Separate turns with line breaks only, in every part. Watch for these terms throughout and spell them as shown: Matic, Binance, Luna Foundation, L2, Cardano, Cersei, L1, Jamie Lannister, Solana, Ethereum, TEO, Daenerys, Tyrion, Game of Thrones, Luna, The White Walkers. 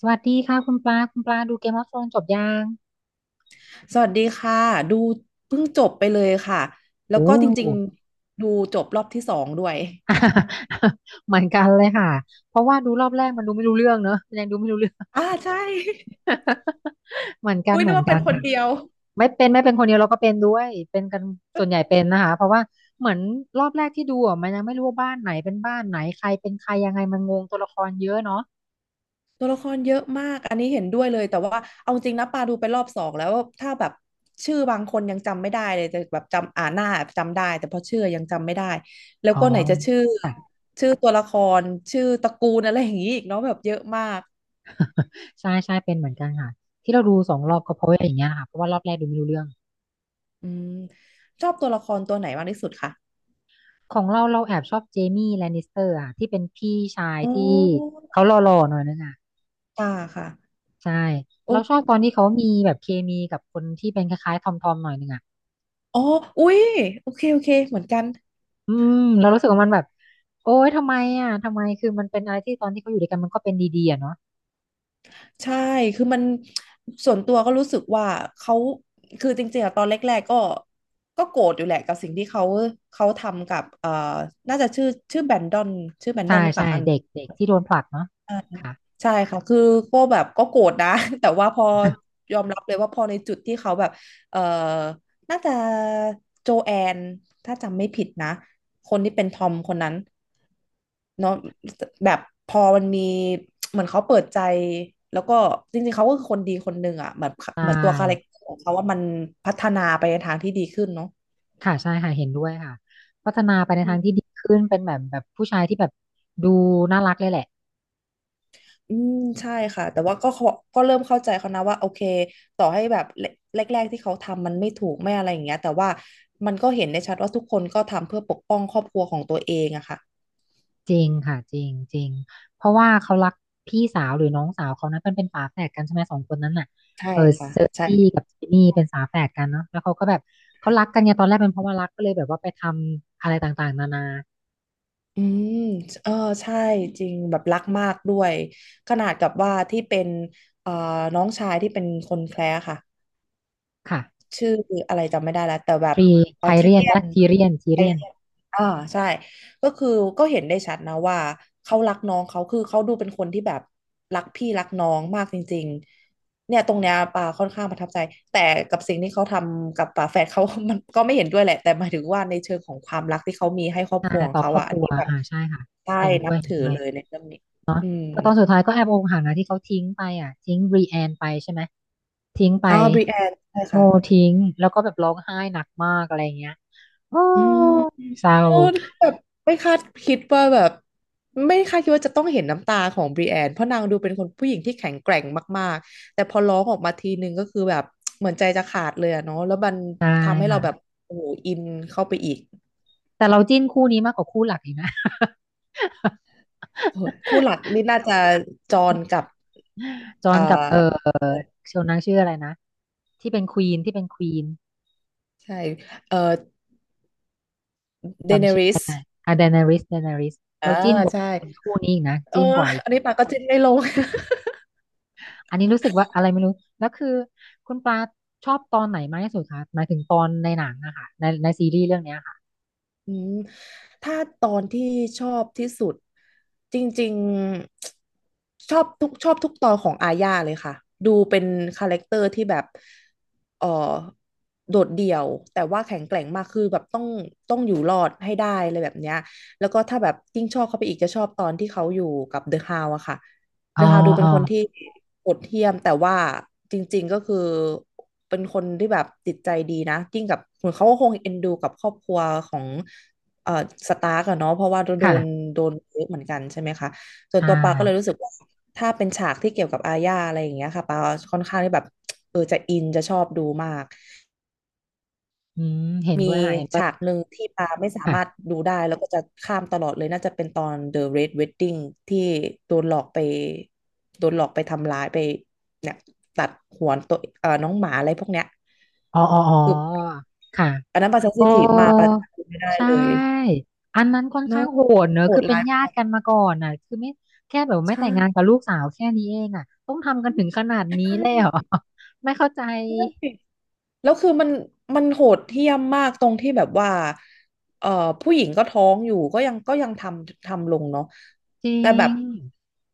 สวัสดีค่ะคุณปลาคุณปลาดูเกมออฟโธรนจบยัง
สวัสดีค่ะดูเพิ่งจบไปเลยค่ะแล้ว
โอ้
ก็จริงๆดูจบรอบที่สองด้วย
เหมือนกันเลยค่ะเพราะว่าดูรอบแรกมันดูไม่รู้เรื่องเนอะมันยังดูไม่รู้เรื่อง
อ่าใช่
เหมือนกั น
อุ้ย
เห
นึ
มื
ก
อน
ว่าเป็
กั
น
น
คน
ค่ะ
เดียว
ไม่เป็นไม่เป็นคนเดียวเราก็เป็นด้วยเป็นกันส่วนใหญ่เป็นนะคะเพราะว่าเหมือนรอบแรกที่ดูอ่ะมันยังไม่รู้ว่าบ้านไหนเป็นบ้านไหนใครเป็นใครยังไงมันงงตัวละครเยอะเนาะ
ตัวละครเยอะมากอันนี้เห็นด้วยเลยแต่ว่าเอาจริงนะปาดูไปรอบสองแล้วถ้าแบบชื่อบางคนยังจำไม่ได้เลยแต่แบบจำอ่านหน้าจำได้แต่พอชื่อยังจำไม่ได้แล้ว
อ๋อ
ก็ไหนจะชื่อ
ค่ะ
ชื่อตัวละครชื่อตระกูลอะไรอย่างนี้อีกเนาะแบบเยอะมาก
ใช่ใช่เป็นเหมือนกันค่ะที่เราดูสองรอบก็เพราะว่าอย่างเงี้ยค่ะเพราะว่ารอบแรกดูไม่รู้เรื่อง
อืมชอบตัวละครตัวไหนมากที่สุดคะ
ของเราเราแอบชอบเจมี่แลนนิสเตอร์อ่ะที่เป็นพี่ชาย
โอ้
ที่เขาหล่อๆหน่อยนึงอ่ะ
ค่ะค่ะ
ใช่
โอ
เราชอบ
้
ตอนที่เขามีแบบเคมีกับคนที่เป็นคล้ายๆทอมหน่อยนึงอ่ะ
อ๋ออุ๊ยโอเค โอเค เหมือนกัน
อืมเรารู้สึกว่ามันแบบโอ๊ยทำไมอ่ะทำไมมันเป็นอะไรที่ตอนที่เขาอยู่ด้วยกันมันก็เป็นดีๆอะเนาะ
ใช่ คือมันส่วนตัวก็รู้สึกว่าเขาคือจริงๆอะตอนแรกๆ ก็ก็โกรธอยู่แหละกับสิ่งที่เขาเขาทำกับน่าจะชื่อชื่อแบนดอนชื่อแบนดอ
ใช่
นหรือเป
ใช่
ล่าคะ
เด็กเด็กที่โดนผลักเนาะค่ะ
ใช่ค่ะ คือก็แบบก็โกรธนะ แต่ว่าพอยอมรับเลยว่าพอในจุดที่เขาแบบเออน่าจะโจแอน ถ้าจำไม่ผิดนะ คนที่เป็นทอมคนนั้นเนาะแบบพอมันมีเหมือนเขาเปิดใจแล้วก็จริงๆเขาก็คือคนดีคนหนึ่งอ่ะเหมือน
ใช
เหมือนตัวคาแรค
่
เตอร์ของเขาว่ามันพัฒนาไปในทางที่ดีขึ้นเนาะ
ค่ะใช่ค่ะเห็นด้วยค่ะพัฒนาไปในทางที่ดีขึ้นเป็นแบบผู้ชายที่แบบดูน่ารักเลยแหละ
อืมใช่ค่ะแต่ว่าก็เขาก็เริ่มเข้าใจเขานะว่าโอเคต่อให้แบบแรกแรกๆที่เขาทำมันไม่ถูกไม่อะไรอย่างเงี้ยแต่ว่ามันก็เห็นได้ชัดว่าทุกคนก็ทำเพื่อปกป้องครอบครัวของตัวเองอะค่ะ
จริงค่ะจริงจริงเพราะว่าเขารักพี่สาวหรือน้องสาวเขานะมันเป็นฝาแฝดกันใช่ไหมสองคนนั้นน่ะ
ใช่
เออ
ค่ะ
เซอร์
ใช่
ซี่กับจิมมี่เป็นฝาแฝดกันเนาะแล้วเขาก็แบบเขารักกันเนี่ยตอนแรกเป็นเพราะว่ารักก็เลยแบบว่าไปทำอะไรต่างๆนานา
อืมเออใช่จริงแบบรักมากด้วยขนาดกับว่าที่เป็นเอ่อน้องชายที่เป็นคนแคระค่ะ
ค่ะ
ชื่ออะไรจำไม่ได้แล้วแต่แบ
ท
บ
รี
อ
ไท
อทิ
เรีย
เลี
น
ย
และ
น
ทีเรียนที
ไอ
เรียน
เลียนอ่าใช่ก็คือก็เห็นได้ชัดนะว่าเขารักน้องเขาคือเขาดูเป็นคนที่แบบรักพี่รักน้องมากจริงๆเนี่ยตรงเนี้ยปาค่อนข้างประทับใจแต่กับสิ่งที่เขาทำกับป่าแฝดเขา มันก็ไม่เห็นด้วยแหละแต่หมายถึงว่าในเชิงของความรักที่เขามีให้ครอบ
อ่า
ครัวของ
ต่อ
เขา
ครอบ
อะ
ค
อัน
รัว
นี้แบบ
อ่าใช่ค่ะ
ใช่
เห็นด้
นั
ว
บ
ยเห็น
ถือ
ด้วย
เลยในเรื่องนี้อืม
แต่ตอนสุดท้ายก็แอบอกหักนะที่เขาทิ้งไปอ่ะทิ้งรีแอนไปใช่ไหมทิ้งไป
อ๋อบริแอนใช่
โม
ค่ะ
ทิ้งแล้วก็แบบร้องไห้หนักมากอะไรเงี้ยโอ้
อืม
เศร้า
โอ้แบบไม่คาดคิดว่าแบบไม่คาดคิดว่าจะต้องเห็นน้ำตาของบรีแอนเพราะนางดูเป็นคนผู้หญิงที่แข็งแกร่งมากๆแต่พอร้องออกมาทีนึงก็คือแบบเหมือนใจจะขาดเลยอะเนาะแล้วมัน
ใช่
ทำให้เรา
ค่ะ
แบบโอ้โหอินเข้าไปอีก
แต่เราจิ้นคู่นี้มากกว่าคู่หลักอีกนะ
โอ้ยคู่ หลักนี่น่าจะจอห์นกับ
จอห์น
อ่า
กับเชลนางชื่ออะไรนะที่เป็นควีนที่เป็นควีน
ใช่เอ่อเดเน
จำชื่อ
ริส
อะเดนาริส
อ่า
เราจิ้นกว่า
ใช่
คู่นี้อีกนะ
เออ
จิ้นกว่าอีก
อันนี้ปากก็จิ้นไม่ลง
อันนี้รู้สึกว่าอะไรไม่รู้แล้วคือคุณปลาชอบตอนไหนมากที่สุดคะหมายถึงตอนในหนังอะค่ะในในซีรีส์เรื่องเนี้ยค่ะ
อืมถ้าตอนที่ชอบที่สุดจริงๆชอบทุกชอบทุกตอนของอาญาเลยค่ะดูเป็นคาแรคเตอร์ที่แบบเออโดดเดี่ยวแต่ว่าแข็งแกร่งมากคือแบบต้องต้องอยู่รอดให้ได้อะไรแบบเนี้ยแล้วก็ถ้าแบบยิ่งชอบเข้าไปอีกจะชอบตอนที่เขาอยู่กับเดอะฮาวอะค่ะ
อ๋
เด
อ
อะฮาวดูเป็
อ๋
น
อ
คนที่โหดเหี้ยมแต่ว่าจริงๆก็คือเป็นคนที่แบบจิตใจดีนะยิ่งกับเหมือนเขาก็คงเอ็นดูกับครอบครัวของเอ่อสตาร์กอะเนาะเพราะว่าโดน
ค่ะ
โดนเยอะเหมือนกันใช่ไหมคะส่วน
ใช่
ตัวปาก็เลยรู้สึกว่าถ้าเป็นฉากที่เกี่ยวกับอาญาอะไรอย่างเงี้ยค่ะปาค่อนข้างที่แบบเออจะอินจะชอบดูมาก
อืมเห็น
มี
ด้วยค่ะเห็นด้วย
ฉากหนึ่งที่ปาไม่สามารถ
ค่ะ
ดูได้แล้วก็จะข้ามตลอดเลยน่าจะเป็นตอน The Red Wedding ที่โดนหลอกไปโดนหลอกไปทำร้ายไปเนี่ยตัดหัวตัวน้องหมาอะไรพวกเนี้ย
อ๋ออ๋ออ๋อ
คือ
ค่ะ
อันนั้นปาเซน
โอ้
ซิทีฟมากปาดูไม่ได้
ใช่
เลย
อันนั้นค่อน
เน้
ข้า
อะ
งโหดเนอะ
โห
คื
ด
อเป็น
ร้าย
ญา
มา
ติ
ก
กันมาก่อนน่ะคือไม่แค่แบบ
ใ
ไม่แต่งงานกั
ช่
บลูกสาวแค่นี้เองอ่ะต้องทำกันถึงขนาดนี้
ใ
เลยเหรอ ไม่เข้าใจ
ช่ แล้วคือมันมันโหดเหี้ยมมากตรงที่แบบว่าเอ่อผู้หญิงก็ท้องอยู่ก็ยังก็ยังทำทำลงเนาะ
จริ
แต่แบบ
ง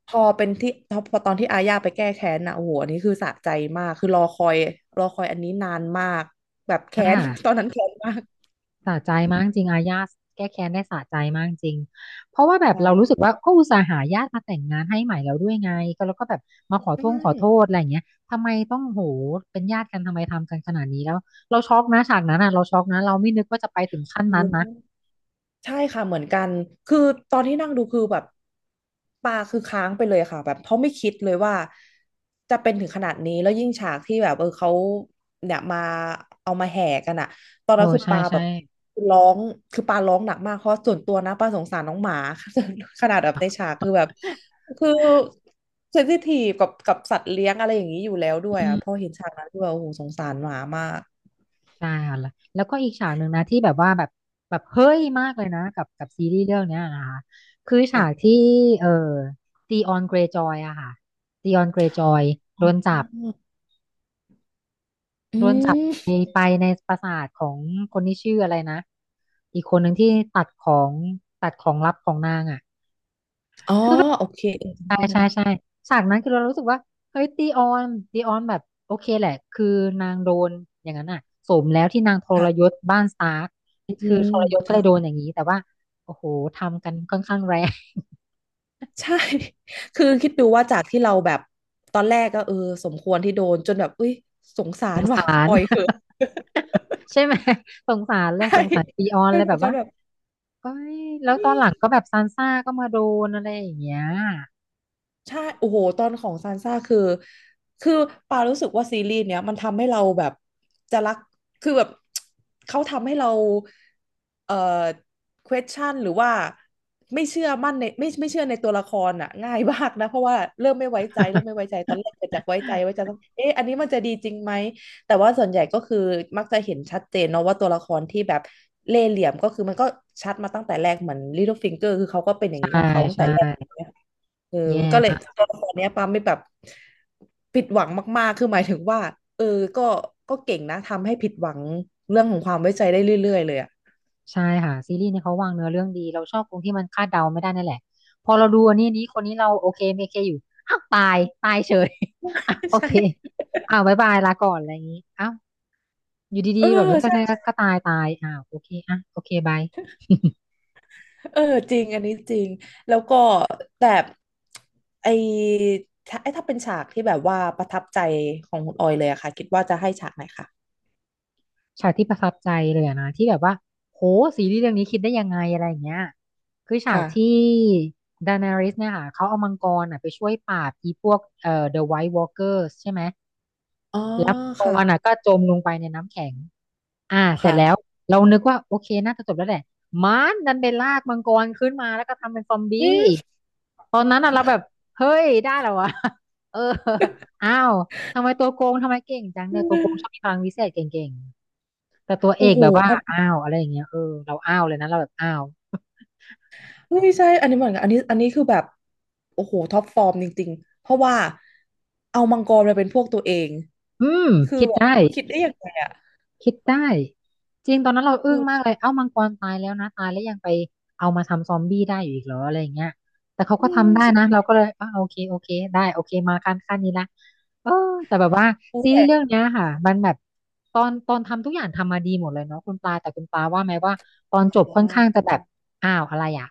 พอเป็นที่พอตอนที่อาญาไปแก้แค้นนะโอ้โหอันนี้คือสะใจมากคือรอคอยรอคอยอันนี้นานมากแบบ
ค
แค้น ตอน
่ะ
นั้นแค้นมาก
สะใจมากจริงอาญาติแก้แค้นได้สะใจมากจริงเพราะว่าแบบ
ใช่
เรารู้สึกว่าก็อุตส่าห์หาญาติมาแต่งงานให้ใหม่แล้วด้วยไงก็แล้วก็แบบมาขอ
ใช
โทษขอโทษ
่
อะไรอย่างเงี้ยทำไมต้องโหเป็นญาติกันทำไมทำกันขนาดนี้แล้วเราช็อกนะฉากนั้นอ่ะเราช็อกนะเราไม่นึกว่าจะไปถึงขั้
โอ้
น
โ
นั้น
ห
นะ
ใช่ค่ะเหมือนกันคือตอนที่นั่งดูคือแบบตาคือค้างไปเลยค่ะแบบเขาะไม่คิดเลยว่าจะเป็นถึงขนาดนี้แล้วยิ่งฉากที่แบบเออเขาเนี่ยมาเอามาแห่กันอะตอน
โอ้
นั้นคือ
ใช่
ปาแบ
ใช่
บร้องคือปาร้องหนักมากเพราะส่วนตัวนะปาสงสารน้องหมา ขนาดแบบในฉากคือแบบคือเซนซิทีฟกับกับสัตว์เลี้ยงอะไรอย่างนี้อยู่แล้วด้วย
อื
อะพอ
ม
เห็นฉากนั้นคือแบบโอ้โหสงสารหมามาก
ใช่ค่ะแล้วแล้วก็อีกฉากหนึ่งนะที่แบบว่าแบบแบบเฮ้ยมากเลยนะกับกับซีรีส์เรื่องเนี้ยนะคะคือฉาก
ค่
ที่เอ่อตีออนเกรย์จอยอะค่ะตีออนเกรย์จอยโดน
ออ
จับ
อื
โดนจับไป
ม
ไปในปราสาทของคนที่ชื่ออะไรนะอีกคนหนึ่งที่ตัดของตัดของลับของนางอะ
อ๋อโอเคเออ
ใช่
จำชื่อไม่
ใช่
ได้
ใช่ฉากนั้นคือเรารู้สึกว่าเฮ้ยตีออนแบบโอเคแหละคือนางโดนอย่างนั้นอ่ะสมแล้วที่นางทรยศ
ค่ะ
บ้านสตาร์ค
อื
คือ
ม
ทรยศก็
ใช่
เลยโดนอย่างนี้แต่ว่าโอ้โหทำกันค่อนข้างแรง
ใช่ คือคิดดูว่าจากที่เราแบบ ตอนแรกก็สมควรที่โดนจนแบบอุ้ยสงสารว่ะปล่อยเถอะ
ใช่ไหมสงสารเลย ส
ใช่
งสารตีออน
เป็
เล
น
ย
เห
แบ
มือน
บ
กัน
ว่า
แบบ
เอ้ยแล้วตอนหลังก็แบบซานซ่าก็มาโดนอะไรอย่างเงี้ย
ใช่โอ้โหตอนของซานซ่าคือ คือปารู้สึกว่าซีรีส์เนี้ยมันทำให้เราแบบจะรัก คือแบบ เขาทำให้เราเอ่อ question หรือว่าไม่เชื่อมั่นในไม่เชื่อในตัวละครอ่ะง่ายมากนะเพราะว่าเริ่มไม่ไว้ใจเริ่มไม่ไว้ใจตอนแรกเกิดจากไว้ใจต้องเอ๊ะอันนี้มันจะดีจริงไหม แต่ว่าส่วนใหญ่ก็คือมักจะเห็นชัดเจนเนาะว่าตัวละครที่แบบเล่ห์เหลี่ยมก็คือมันก็ชัดมาตั้งแต่แรกเหมือน Little Finger คือเขาก็เป็นอย่างนี้
ใช่
ของเขาตั้ง
ใช่
แต่แรก เออ
แย่
ก็เลยตัวละครเนี้ยปาไม่แบบผิดหวังมากๆคือหมายถึงว่าเออก็ก็เก่งนะทำให้ผิดหวังเรื่องของความไว้ใจได้เรื่อยๆเลยอ่ะ
ใช่ค่ะซีรีส์เนี่ยเขาวางเนื้อเรื่องดีเราชอบตรงที่มันคาดเดาไม่ได้นั่นแหละพอเราดูอันนี้นี้คนนี้เราโอเคไม่โอเคอยู่อ้าวตายตายเฉย อ่ะโอ เค
ใช่
อ้าวบายบายลาก่อนอะไรอย่างนี้อ้าวอยู่
เอ
ดี
อ
ๆแบบก็
ใช่
ก็ก็ตายตายอ้าวโอเคอ่ะโอเคบาย
เออจริงอันนี้จริงแล้วก็แต่ไอถ้าไอถ้าเป็นฉากที่แบบว่าประทับใจของคุณออยเลยอะค่ะคิดว่าจะให้ฉากไหนคะ
ฉากที่ประทับใจเลยอะนะที่แบบว่าโหซีรีส์เรื่องนี้คิดได้ยังไงอะไรอย่างเงี้ยคือฉากที่
ค่ะ
ดานาริสเนี่ยค่ะเขาเอามังกรอ่ะไปช่วยปราบอีพวกThe White Walkers ใช่ไหม
อ๋อ
แล้วมังก
ค่ะ
รอ่ะก็จมลงไปในน้ำแข็ง อ่าเสร็จแล้ว
ค่ะ
เรานึกว่าโอเคน่าจะจบแล้วแหละมันดันไปลากมังกรขึ้นมาแล้วก็ทำเป็นซอม
อื
บี้
ม
ตอนนั้นอะเราแบบเฮ้ยได้แล้ววะ เอออ้าวทำไมตัวโกงทำไมเก่งจังเนี่ยตัวโกงชอบมีพลังวิเศษเก่งๆแต่ตัวเอ
โอ้
ก
โห
แบบว่าอ้าวอะไรอย่างเงี้ยเออเราอ้าวเลยนะเราแบบอ้าว
เฮ้ยใช่อันนี้เหมือนกันอันนี้อันนี้คือแบบโอ้โหท็อปฟอร์มจริงๆ เพราะว่าเอามังกรมาเป็นพวกตัวเอง
อืม
คือ
คิด
แบบ
ได้
คิดได้ยังไงอ่ะ
คิดได้จริงตอนนั้นเรา
เอ
อึ้งมาก
อ
เลยเอ้ามังกรตายแล้วนะตายแล้วยังไปเอามาทำซอมบี้ได้อยู่อีกเหรออะไรอย่างเงี้ยแต่เขาก็
อืม
ทำได้นะ
ใช่
เราก็เลยอ่ะโอเคได้โอเคมาขั้นนี้ละเออแต่แบบว่า
รู้
ซีรี
แต่
ส์เรื่องเนี้ยค่ะมันแบบตอนทำทุกอย่างทำมาดีหมดเลยเนาะคุณปลาแต่คุณปลาว่าไหมว่าตอนจบ
อ่
ค่อนข้าง
า
จะแบบอ้าวอะไรอ่ะ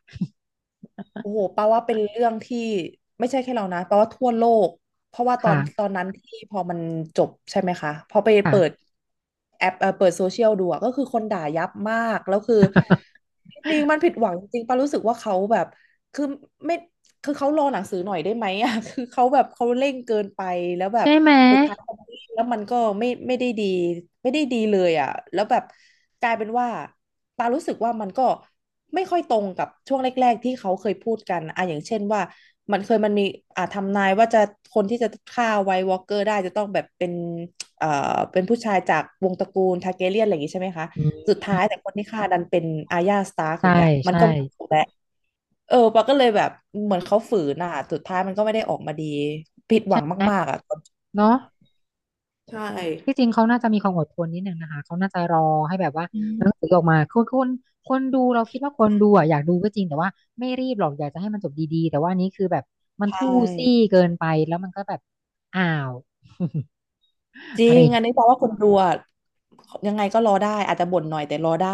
โอ้โหปาว่าเป็นเรื่องที่ไม่ใช่แค่เรานะปาว่าทั่วโลกเพราะว่า ตอนตอ
ค่ะ
นนั้นที่พอมันจบใช่ไหมคะพอไปเปิด
ค่ะ
แอปเปิดโซเชียลดูอะก็คือคนด่ายับมากแล้วคือจริงๆมันผิดหวังจริงๆปารู้สึกว่าเขาแบบคือไม่ คือเขารอหนังสือหน่อยได้ไหมอ่ะ คือเขาแบบเขาเร่งเกินไปแล้วแบบ
ใช่ไหม
สุดท้ายเขาไม่แล้วมันก็ไม่ได้ดีไม่ได้ดีเลยอ่ะแล้วแบบกลายเป็นว่าปารู้สึกว่ามันก็ไม่ค่อยตรงกับช่วงแรกๆที่เขาเคยพูดกันอ่ะอย่างเช่นว่ามันเคยมันมีทำนายว่าจะคนที่จะฆ่าไวท์วอล์กเกอร์ได้จะต้องแบบเป็นเอ่อเป็นผู้ชายจากวงตระกูลทาร์แกเรียนอะไรอย่างงี้ใช่ไหมคะ
อื
สุ
ม
ดท้ายแต่คนที่ฆ่าดันเป็นอาร์ยาสตาร์กอ
ใช่
ย่างเงี้ยมัน
ใช่
ก็ไม่ถูกแล้ว ปาก็เลยแบบเหมือนเขาฝืนอ่ะสุดท้ายมันก็ไม่ได้ออกมาดีผิดหวั
ใช่
ง
ไหม
มากๆอ่ะตอน
เนาะ
ใช่
ที่จริงเขาน่าจะมีความอดทนนิดหนึ่งนะคะเขาน่าจะรอให้แบบว่า
อื
หนังสื
ม
อออกมาคือคนดูเราคิดว่าคนดูอ่ะอยากดูก็จริงแต่ว่าไม่รีบหรอกอยากจะให้มันจบดีๆแต่ว่าอันนี้คือแบบมันทู่
ใช่
ซี่เกินไปแล้วมันก็แบบอ้าว
จ ริ
อะไร
ง
อย่าง
อัน
เงี้ย
นี้แปลว่าคนดูอะยังไงก็รอได้อาจจะบ่นหน่อยแต่รอได้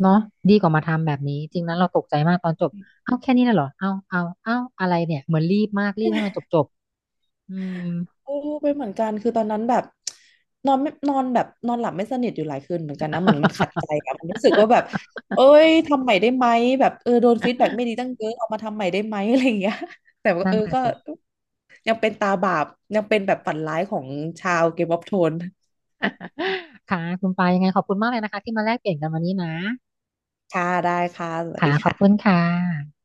เนาะดีกว่ามาทำแบบนี้จริงนั้นเราตกใจมากตอนจบเอาแค่นี้น่ะเหรอเอาอะไรเนี่ยเหมือนรีบมากรีบให้มันจบอืม
โอ้เป็นเหมือนกันคือตอนนั้นแบบนอนไม่นอนแบบนอนหลับไม่สนิทอยู่หลายคืนเหมือนกันนะมันมันขัดใจอะมันรู้สึกว่าแบบ เอ้ยทำใหม่ได้ไหมแบบโดนฟีดแบ็กไม่ดีตั้งเยอะเอามาทำใหม่ได้ไหมอะไรอย่างเงี้ย แต่ว่า
นั่นน่ะ
ก็
สิ
ยังเป็นตาบาปยังเป็นแบบฝันร้ายของชาวเกมออฟโทน
ค่ะคุณปายังไงขอบคุณมากเลยนะคะที่มาแลกเปลี่ยนกันวันนี้นะ
ค่ะ ได้ค่ะ สวัส
ค่ะ
ดี
ขอบคุณ
ค่ะ
ค่ะ